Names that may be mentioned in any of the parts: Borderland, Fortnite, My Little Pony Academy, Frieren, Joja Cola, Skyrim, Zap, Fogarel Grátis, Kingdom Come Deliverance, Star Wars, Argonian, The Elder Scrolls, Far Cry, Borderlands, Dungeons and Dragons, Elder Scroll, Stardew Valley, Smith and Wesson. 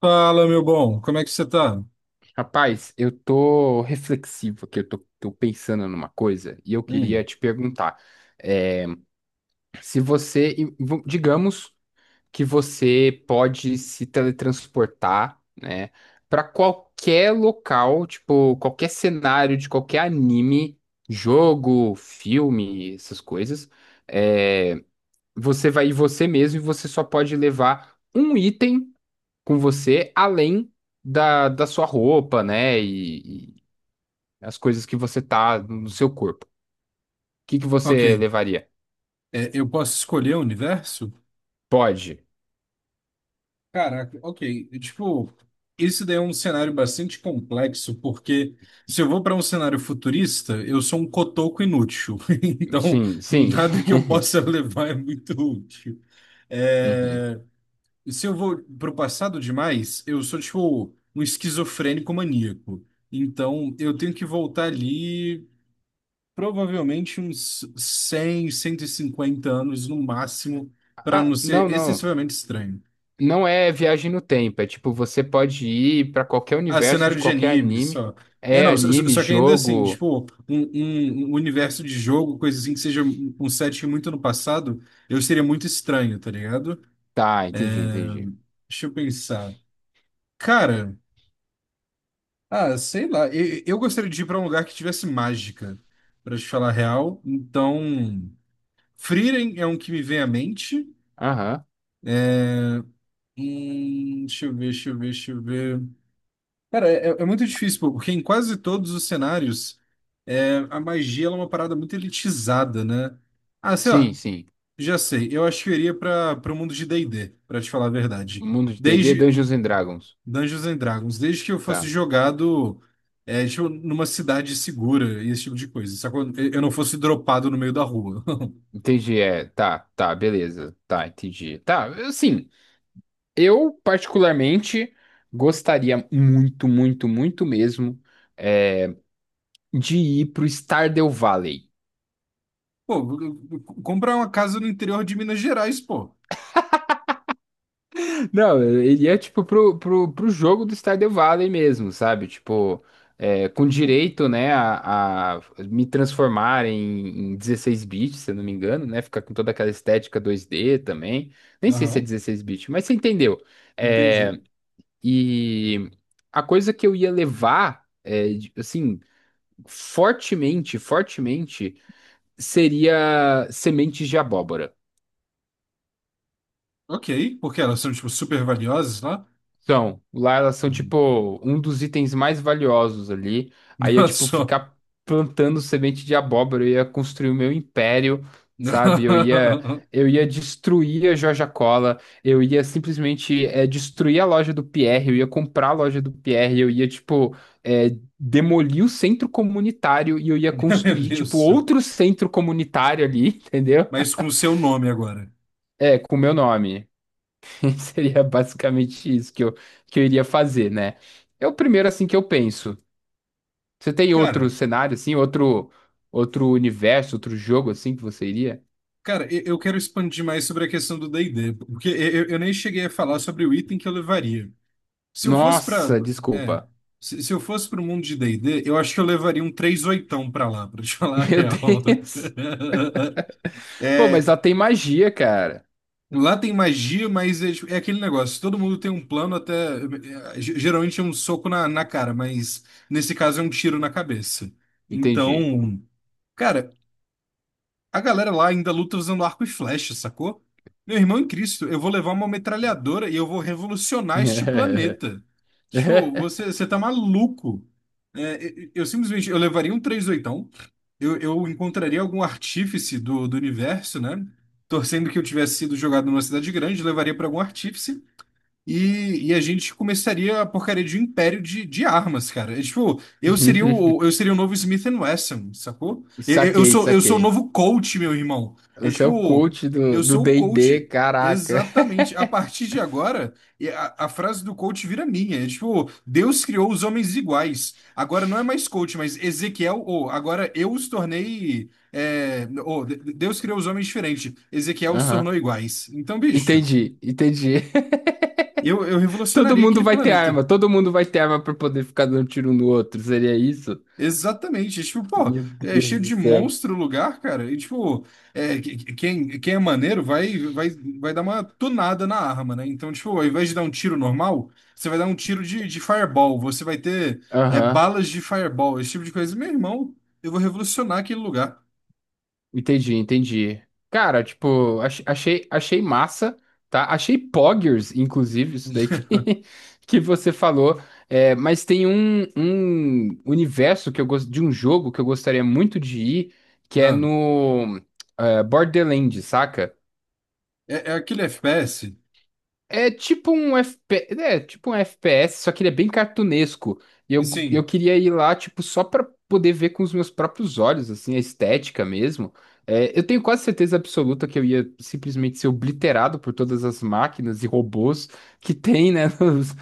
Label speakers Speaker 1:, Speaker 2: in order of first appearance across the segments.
Speaker 1: Fala, meu bom, como é que você tá?
Speaker 2: Rapaz, eu tô reflexivo aqui, eu tô pensando numa coisa e eu queria
Speaker 1: Hum,
Speaker 2: te perguntar, é, se você, digamos que você pode se teletransportar, né, para qualquer local, tipo, qualquer cenário de qualquer anime, jogo, filme, essas coisas, é, você vai ir você mesmo e você só pode levar um item com você, além da sua roupa, né? As coisas que você tá no seu corpo. O que que
Speaker 1: ok.
Speaker 2: você levaria?
Speaker 1: É, eu posso escolher o universo?
Speaker 2: Pode.
Speaker 1: Caraca, ok. Tipo, isso daí é um cenário bastante complexo, porque se eu vou para um cenário futurista, eu sou um cotoco inútil. Então,
Speaker 2: Sim, sim.
Speaker 1: nada que eu possa levar é muito útil.
Speaker 2: Uhum.
Speaker 1: É, se eu vou pro passado demais, eu sou, tipo, um esquizofrênico maníaco. Então, eu tenho que voltar ali. Provavelmente uns 100, 150 anos no máximo, para
Speaker 2: Ah,
Speaker 1: não ser
Speaker 2: não, não.
Speaker 1: excessivamente estranho.
Speaker 2: Não é viagem no tempo. É tipo, você pode ir pra qualquer
Speaker 1: Ah,
Speaker 2: universo
Speaker 1: cenário
Speaker 2: de
Speaker 1: de
Speaker 2: qualquer
Speaker 1: anime,
Speaker 2: anime.
Speaker 1: só. É,
Speaker 2: É
Speaker 1: não, só, só
Speaker 2: anime,
Speaker 1: só que ainda assim,
Speaker 2: jogo.
Speaker 1: tipo, um universo de jogo, coisa assim, que seja um setting muito no passado, eu seria muito estranho, tá ligado?
Speaker 2: Tá, entendi, entendi.
Speaker 1: Deixa eu pensar. Cara, ah, sei lá, eu gostaria de ir pra um lugar que tivesse mágica, pra te falar a real. Então, Frieren é um que me vem à mente.
Speaker 2: Aham.
Speaker 1: Deixa eu ver, deixa eu ver, deixa eu ver. Cara, é, é muito difícil, pô, porque em quase todos os cenários, é, a magia ela é uma parada muito elitizada, né? Ah, sei
Speaker 2: Sim,
Speaker 1: lá,
Speaker 2: sim.
Speaker 1: já sei. Eu acho que eu iria para o mundo de D&D, para te falar a verdade.
Speaker 2: Mundo de D&D,
Speaker 1: Desde
Speaker 2: Dungeons and Dragons.
Speaker 1: Dungeons and Dragons, desde que eu fosse
Speaker 2: Tá.
Speaker 1: jogado é, tipo, numa cidade segura e esse tipo de coisa, sacou? Eu não fosse dropado no meio da rua.
Speaker 2: Entendi, é. Tá, tá, beleza. Tá, entendi. Tá, assim, eu particularmente gostaria muito, muito, muito mesmo. eh, de ir pro Stardew Valley.
Speaker 1: Pô, comprar uma casa no interior de Minas Gerais, pô.
Speaker 2: Não, ele é tipo pro jogo do Stardew Valley mesmo, sabe? Tipo, é, com direito, né, a me transformar em 16 bits, se eu não me engano, né? Ficar com toda aquela estética 2D também. Nem sei
Speaker 1: Aham,
Speaker 2: se é 16 bits, mas você entendeu.
Speaker 1: entendi.
Speaker 2: É, e a coisa que eu ia levar, assim, fortemente, seria sementes de abóbora.
Speaker 1: Ok, porque elas são, tipo, super valiosas lá.
Speaker 2: São, lá elas são
Speaker 1: Hum.
Speaker 2: tipo um dos itens mais valiosos ali. Aí eu,
Speaker 1: Olha
Speaker 2: tipo,
Speaker 1: só.
Speaker 2: ficar plantando semente de abóbora, eu ia construir o meu império, sabe?
Speaker 1: Não,
Speaker 2: Eu ia destruir a Joja Cola, eu ia simplesmente destruir a loja do Pierre, eu ia comprar a loja do Pierre, eu ia, tipo, é demolir o centro comunitário e eu ia
Speaker 1: meu Deus,
Speaker 2: construir,
Speaker 1: do
Speaker 2: tipo,
Speaker 1: céu.
Speaker 2: outro centro comunitário ali, entendeu?
Speaker 1: Mas com o seu nome agora.
Speaker 2: É, com o meu nome. Seria basicamente isso que eu iria fazer, né? É o primeiro assim que eu penso. Você tem outro
Speaker 1: Cara,
Speaker 2: cenário assim, outro universo, outro jogo assim que você iria?
Speaker 1: cara, eu quero expandir mais sobre a questão do D&D, porque eu, eu nem cheguei a falar sobre o item que eu levaria. Se eu fosse para,
Speaker 2: Nossa,
Speaker 1: é,
Speaker 2: desculpa.
Speaker 1: se eu fosse para o mundo de D&D, eu acho que eu levaria um três oitão para lá, para te falar a
Speaker 2: Meu
Speaker 1: real.
Speaker 2: Deus. Pô, mas
Speaker 1: É,
Speaker 2: lá tem magia, cara.
Speaker 1: lá tem magia, mas é, tipo, é aquele negócio, todo mundo tem um plano até, é, geralmente é um soco na, na cara, mas nesse caso é um tiro na cabeça.
Speaker 2: Entendi.
Speaker 1: Então, cara, a galera lá ainda luta usando arco e flecha, sacou? Meu irmão em Cristo, eu vou levar uma metralhadora e eu vou revolucionar este planeta. Tipo, você tá maluco. É, eu simplesmente, eu levaria um três oitão. Eu encontraria algum artífice do, do universo, né? Torcendo que eu tivesse sido jogado numa cidade grande, levaria pra algum artífice e a gente começaria a porcaria de um império de armas, cara. É, tipo, eu seria o novo Smith and Wesson, sacou? Eu, eu
Speaker 2: Saquei,
Speaker 1: sou, eu sou o
Speaker 2: saquei.
Speaker 1: novo coach meu irmão. É
Speaker 2: Você é o
Speaker 1: tipo,
Speaker 2: coach
Speaker 1: eu
Speaker 2: do
Speaker 1: sou o
Speaker 2: D&D,
Speaker 1: coach.
Speaker 2: caraca.
Speaker 1: Exatamente. A partir de agora, e a frase do coach vira minha. É tipo, Deus criou os homens iguais. Agora não é mais coach, mas Ezequiel, ou agora eu os tornei. É, ou, de- Deus criou os homens diferentes. Ezequiel os
Speaker 2: Aham.
Speaker 1: tornou iguais. Então, bicho.
Speaker 2: Entendi, entendi.
Speaker 1: Eu
Speaker 2: Todo
Speaker 1: revolucionaria
Speaker 2: mundo
Speaker 1: aquele
Speaker 2: vai ter
Speaker 1: planeta.
Speaker 2: arma, todo mundo vai ter arma pra poder ficar dando tiro um no outro. Seria isso?
Speaker 1: Exatamente. Tipo, pô,
Speaker 2: Meu
Speaker 1: é cheio
Speaker 2: Deus do
Speaker 1: de
Speaker 2: céu.
Speaker 1: monstro o lugar, cara. E, tipo, é, quem é maneiro vai, vai, vai dar uma tunada na arma, né? Então, tipo, ao invés de dar um tiro normal, você vai dar um tiro de fireball. Você vai ter é,
Speaker 2: Aham,
Speaker 1: balas de fireball, esse tipo de coisa. Meu irmão, eu vou revolucionar aquele lugar.
Speaker 2: entendi, entendi. Cara, tipo, achei, achei massa, tá? Achei poggers, inclusive, isso daí que você falou. É, mas tem um universo que eu gosto de um jogo que eu gostaria muito de ir, que é
Speaker 1: Não,
Speaker 2: no Borderlands, saca?
Speaker 1: é, é aquele FPS.
Speaker 2: É tipo um FP, é tipo um FPS, só que ele é bem cartunesco.
Speaker 1: E
Speaker 2: Eu
Speaker 1: sim,
Speaker 2: queria ir lá, tipo, só pra poder ver com os meus próprios olhos, assim, a estética mesmo. É, eu tenho quase certeza absoluta que eu ia simplesmente ser obliterado por todas as máquinas e robôs que tem, né?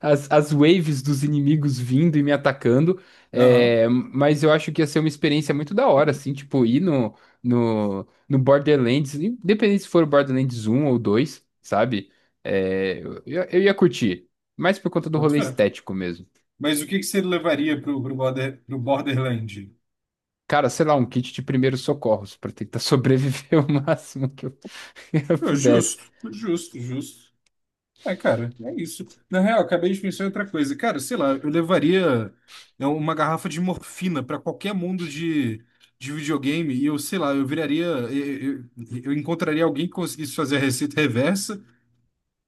Speaker 2: as waves dos inimigos vindo e me atacando.
Speaker 1: aham,
Speaker 2: É, mas eu acho que ia ser uma experiência muito da hora, assim, tipo, ir no Borderlands, independente se for o Borderlands um ou 2, sabe? Eu ia curtir, mas por conta do
Speaker 1: boto
Speaker 2: rolê
Speaker 1: fé.
Speaker 2: estético mesmo.
Speaker 1: Mas o que que você levaria pro, pro, border, pro Borderland?
Speaker 2: Cara, sei lá, um kit de primeiros socorros pra tentar sobreviver o máximo que eu
Speaker 1: Pô,
Speaker 2: pudesse.
Speaker 1: justo, justo, justo. É, cara, é isso. Na real, acabei de pensar em outra coisa. Cara, sei lá, eu levaria é, uma garrafa de morfina para qualquer mundo de videogame e eu, sei lá, eu viraria. Eu, eu encontraria alguém que conseguisse fazer a receita reversa.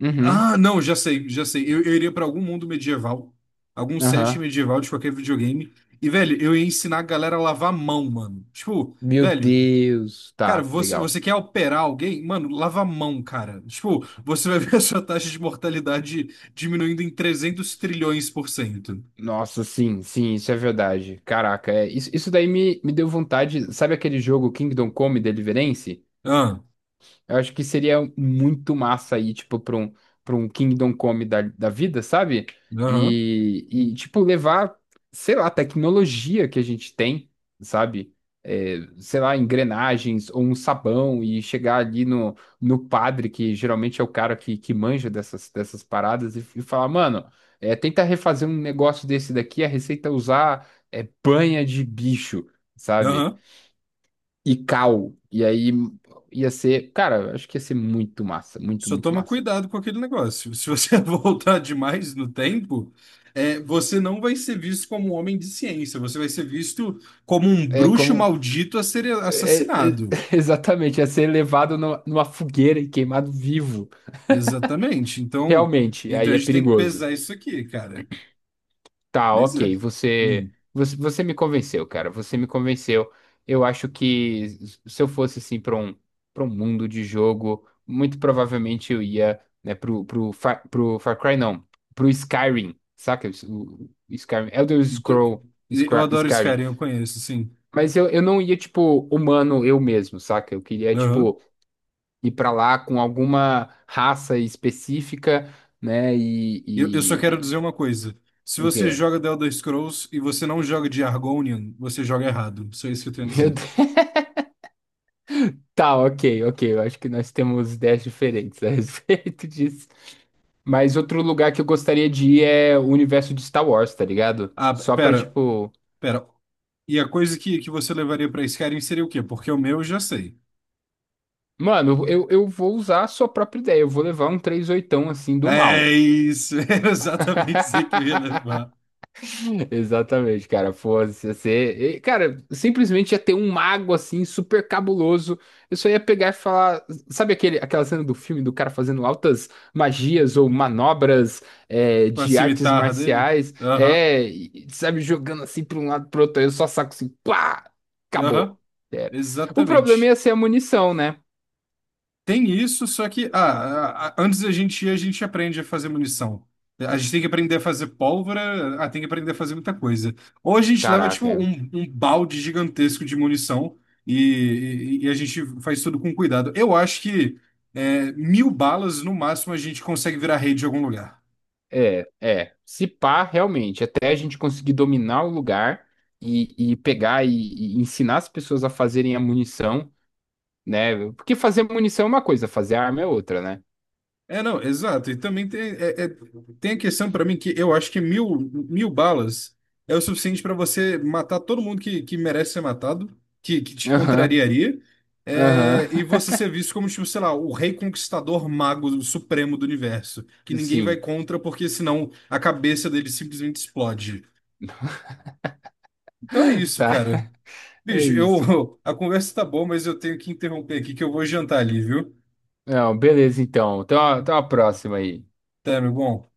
Speaker 2: Uhum,
Speaker 1: Ah, não, já sei, já sei. Eu iria para algum mundo medieval, algum set
Speaker 2: aham.
Speaker 1: medieval de qualquer videogame. E, velho, eu ia ensinar a galera a lavar a mão, mano. Tipo,
Speaker 2: Meu
Speaker 1: velho.
Speaker 2: Deus,
Speaker 1: Cara,
Speaker 2: tá,
Speaker 1: você,
Speaker 2: legal.
Speaker 1: você quer operar alguém? Mano, lava a mão, cara. Tipo, você vai ver a sua taxa de mortalidade diminuindo em 300 trilhões por cento.
Speaker 2: Nossa, sim, sim, isso é verdade. Caraca, é, isso daí me deu vontade. Sabe aquele jogo Kingdom Come Deliverance?
Speaker 1: Ah,
Speaker 2: Eu acho que seria muito massa aí, tipo, pra pra um Kingdom Come da vida, sabe?
Speaker 1: aham,
Speaker 2: E, tipo, levar, sei lá, a tecnologia que a gente tem, sabe? É, sei lá, engrenagens ou um sabão e chegar ali no padre, que geralmente é o cara que manja dessas paradas, e falar, mano, tenta refazer um negócio desse daqui, a receita é usar banha de bicho, sabe?
Speaker 1: aham.
Speaker 2: E Cal. E aí ia ser, cara, acho que ia ser muito massa, muito,
Speaker 1: Só
Speaker 2: muito
Speaker 1: toma
Speaker 2: massa.
Speaker 1: cuidado com aquele negócio. Se você voltar demais no tempo, é, você não vai ser visto como um homem de ciência. Você vai ser visto como um
Speaker 2: É
Speaker 1: bruxo
Speaker 2: como.
Speaker 1: maldito a ser
Speaker 2: é- é-
Speaker 1: assassinado.
Speaker 2: exatamente, ia ser levado no- numa fogueira e queimado vivo.
Speaker 1: Exatamente. Então,
Speaker 2: Realmente,
Speaker 1: então
Speaker 2: aí
Speaker 1: a
Speaker 2: é
Speaker 1: gente tem que
Speaker 2: perigoso.
Speaker 1: pesar isso aqui, cara.
Speaker 2: Tá,
Speaker 1: Mas é.
Speaker 2: ok.
Speaker 1: Hum.
Speaker 2: Você me convenceu, cara. Você me convenceu. Eu acho que se eu fosse assim para para um mundo de jogo, muito provavelmente eu ia, né, pro Far Cry, não, pro Skyrim, saca? O Skyrim,
Speaker 1: Então, eu adoro
Speaker 2: Skyrim.
Speaker 1: Skyrim, eu conheço, sim.
Speaker 2: Mas eu não ia, tipo, humano eu mesmo, saca? Eu queria,
Speaker 1: Aham.
Speaker 2: tipo, ir pra lá com alguma raça específica, né?
Speaker 1: Eu só quero
Speaker 2: E...
Speaker 1: dizer uma coisa. Se
Speaker 2: O
Speaker 1: você
Speaker 2: quê?
Speaker 1: joga The Elder Scrolls e você não joga de Argonian, você joga errado. Só isso que eu tenho a
Speaker 2: Meu
Speaker 1: dizer.
Speaker 2: Deus. Tá, ok, ok. Eu acho que nós temos ideias diferentes a respeito disso. Mas outro lugar que eu gostaria de ir é o universo de Star Wars, tá ligado?
Speaker 1: Ah,
Speaker 2: Só pra,
Speaker 1: pera,
Speaker 2: tipo.
Speaker 1: pera. E a coisa que você levaria pra Skyrim seria o quê? Porque o meu eu já sei.
Speaker 2: Mano, eu vou usar a sua própria ideia. Eu vou levar um três oitão assim do
Speaker 1: É
Speaker 2: mal.
Speaker 1: isso, era exatamente isso que eu ia levar.
Speaker 2: Exatamente, cara. Fosse ser. E, cara, simplesmente ia ter um mago assim, super cabuloso. Eu só ia pegar e falar. Aquela cena do filme do cara fazendo altas magias ou manobras
Speaker 1: Com a
Speaker 2: de artes
Speaker 1: cimitarra dele?
Speaker 2: marciais?
Speaker 1: Aham,
Speaker 2: É, e, sabe, jogando assim pra um lado pro outro. Aí eu só saco assim, pá! Acabou.
Speaker 1: aham,
Speaker 2: Era. O problema
Speaker 1: exatamente.
Speaker 2: ia ser a munição, né?
Speaker 1: Tem isso, só que ah, antes da gente ir, a gente aprende a fazer munição. A gente tem que aprender a fazer pólvora, ah, tem que aprender a fazer muita coisa. Ou a gente leva,
Speaker 2: Caraca.
Speaker 1: tipo,
Speaker 2: É.
Speaker 1: um balde gigantesco de munição e, e a gente faz tudo com cuidado. Eu acho que é, mil balas, no máximo, a gente consegue virar rei de algum lugar.
Speaker 2: É, é. Se pá, realmente, até a gente conseguir dominar o lugar e pegar e ensinar as pessoas a fazerem a munição, né? Porque fazer munição é uma coisa, fazer arma é outra, né?
Speaker 1: É, não, exato. E também tem, tem a questão para mim que eu acho que mil balas é o suficiente para você matar todo mundo que merece ser matado, que te
Speaker 2: Aham,
Speaker 1: contrariaria,
Speaker 2: aham.
Speaker 1: é, e você ser visto como, tipo, sei lá, o rei conquistador mago supremo do universo, que ninguém vai
Speaker 2: Sim,
Speaker 1: contra porque senão a cabeça dele simplesmente explode. Então é isso,
Speaker 2: tá.
Speaker 1: cara.
Speaker 2: É
Speaker 1: Bicho,
Speaker 2: isso.
Speaker 1: eu, a conversa tá boa, mas eu tenho que interromper aqui que eu vou jantar ali, viu?
Speaker 2: Não, beleza, então. Então a próxima aí.
Speaker 1: Tá, meu bom?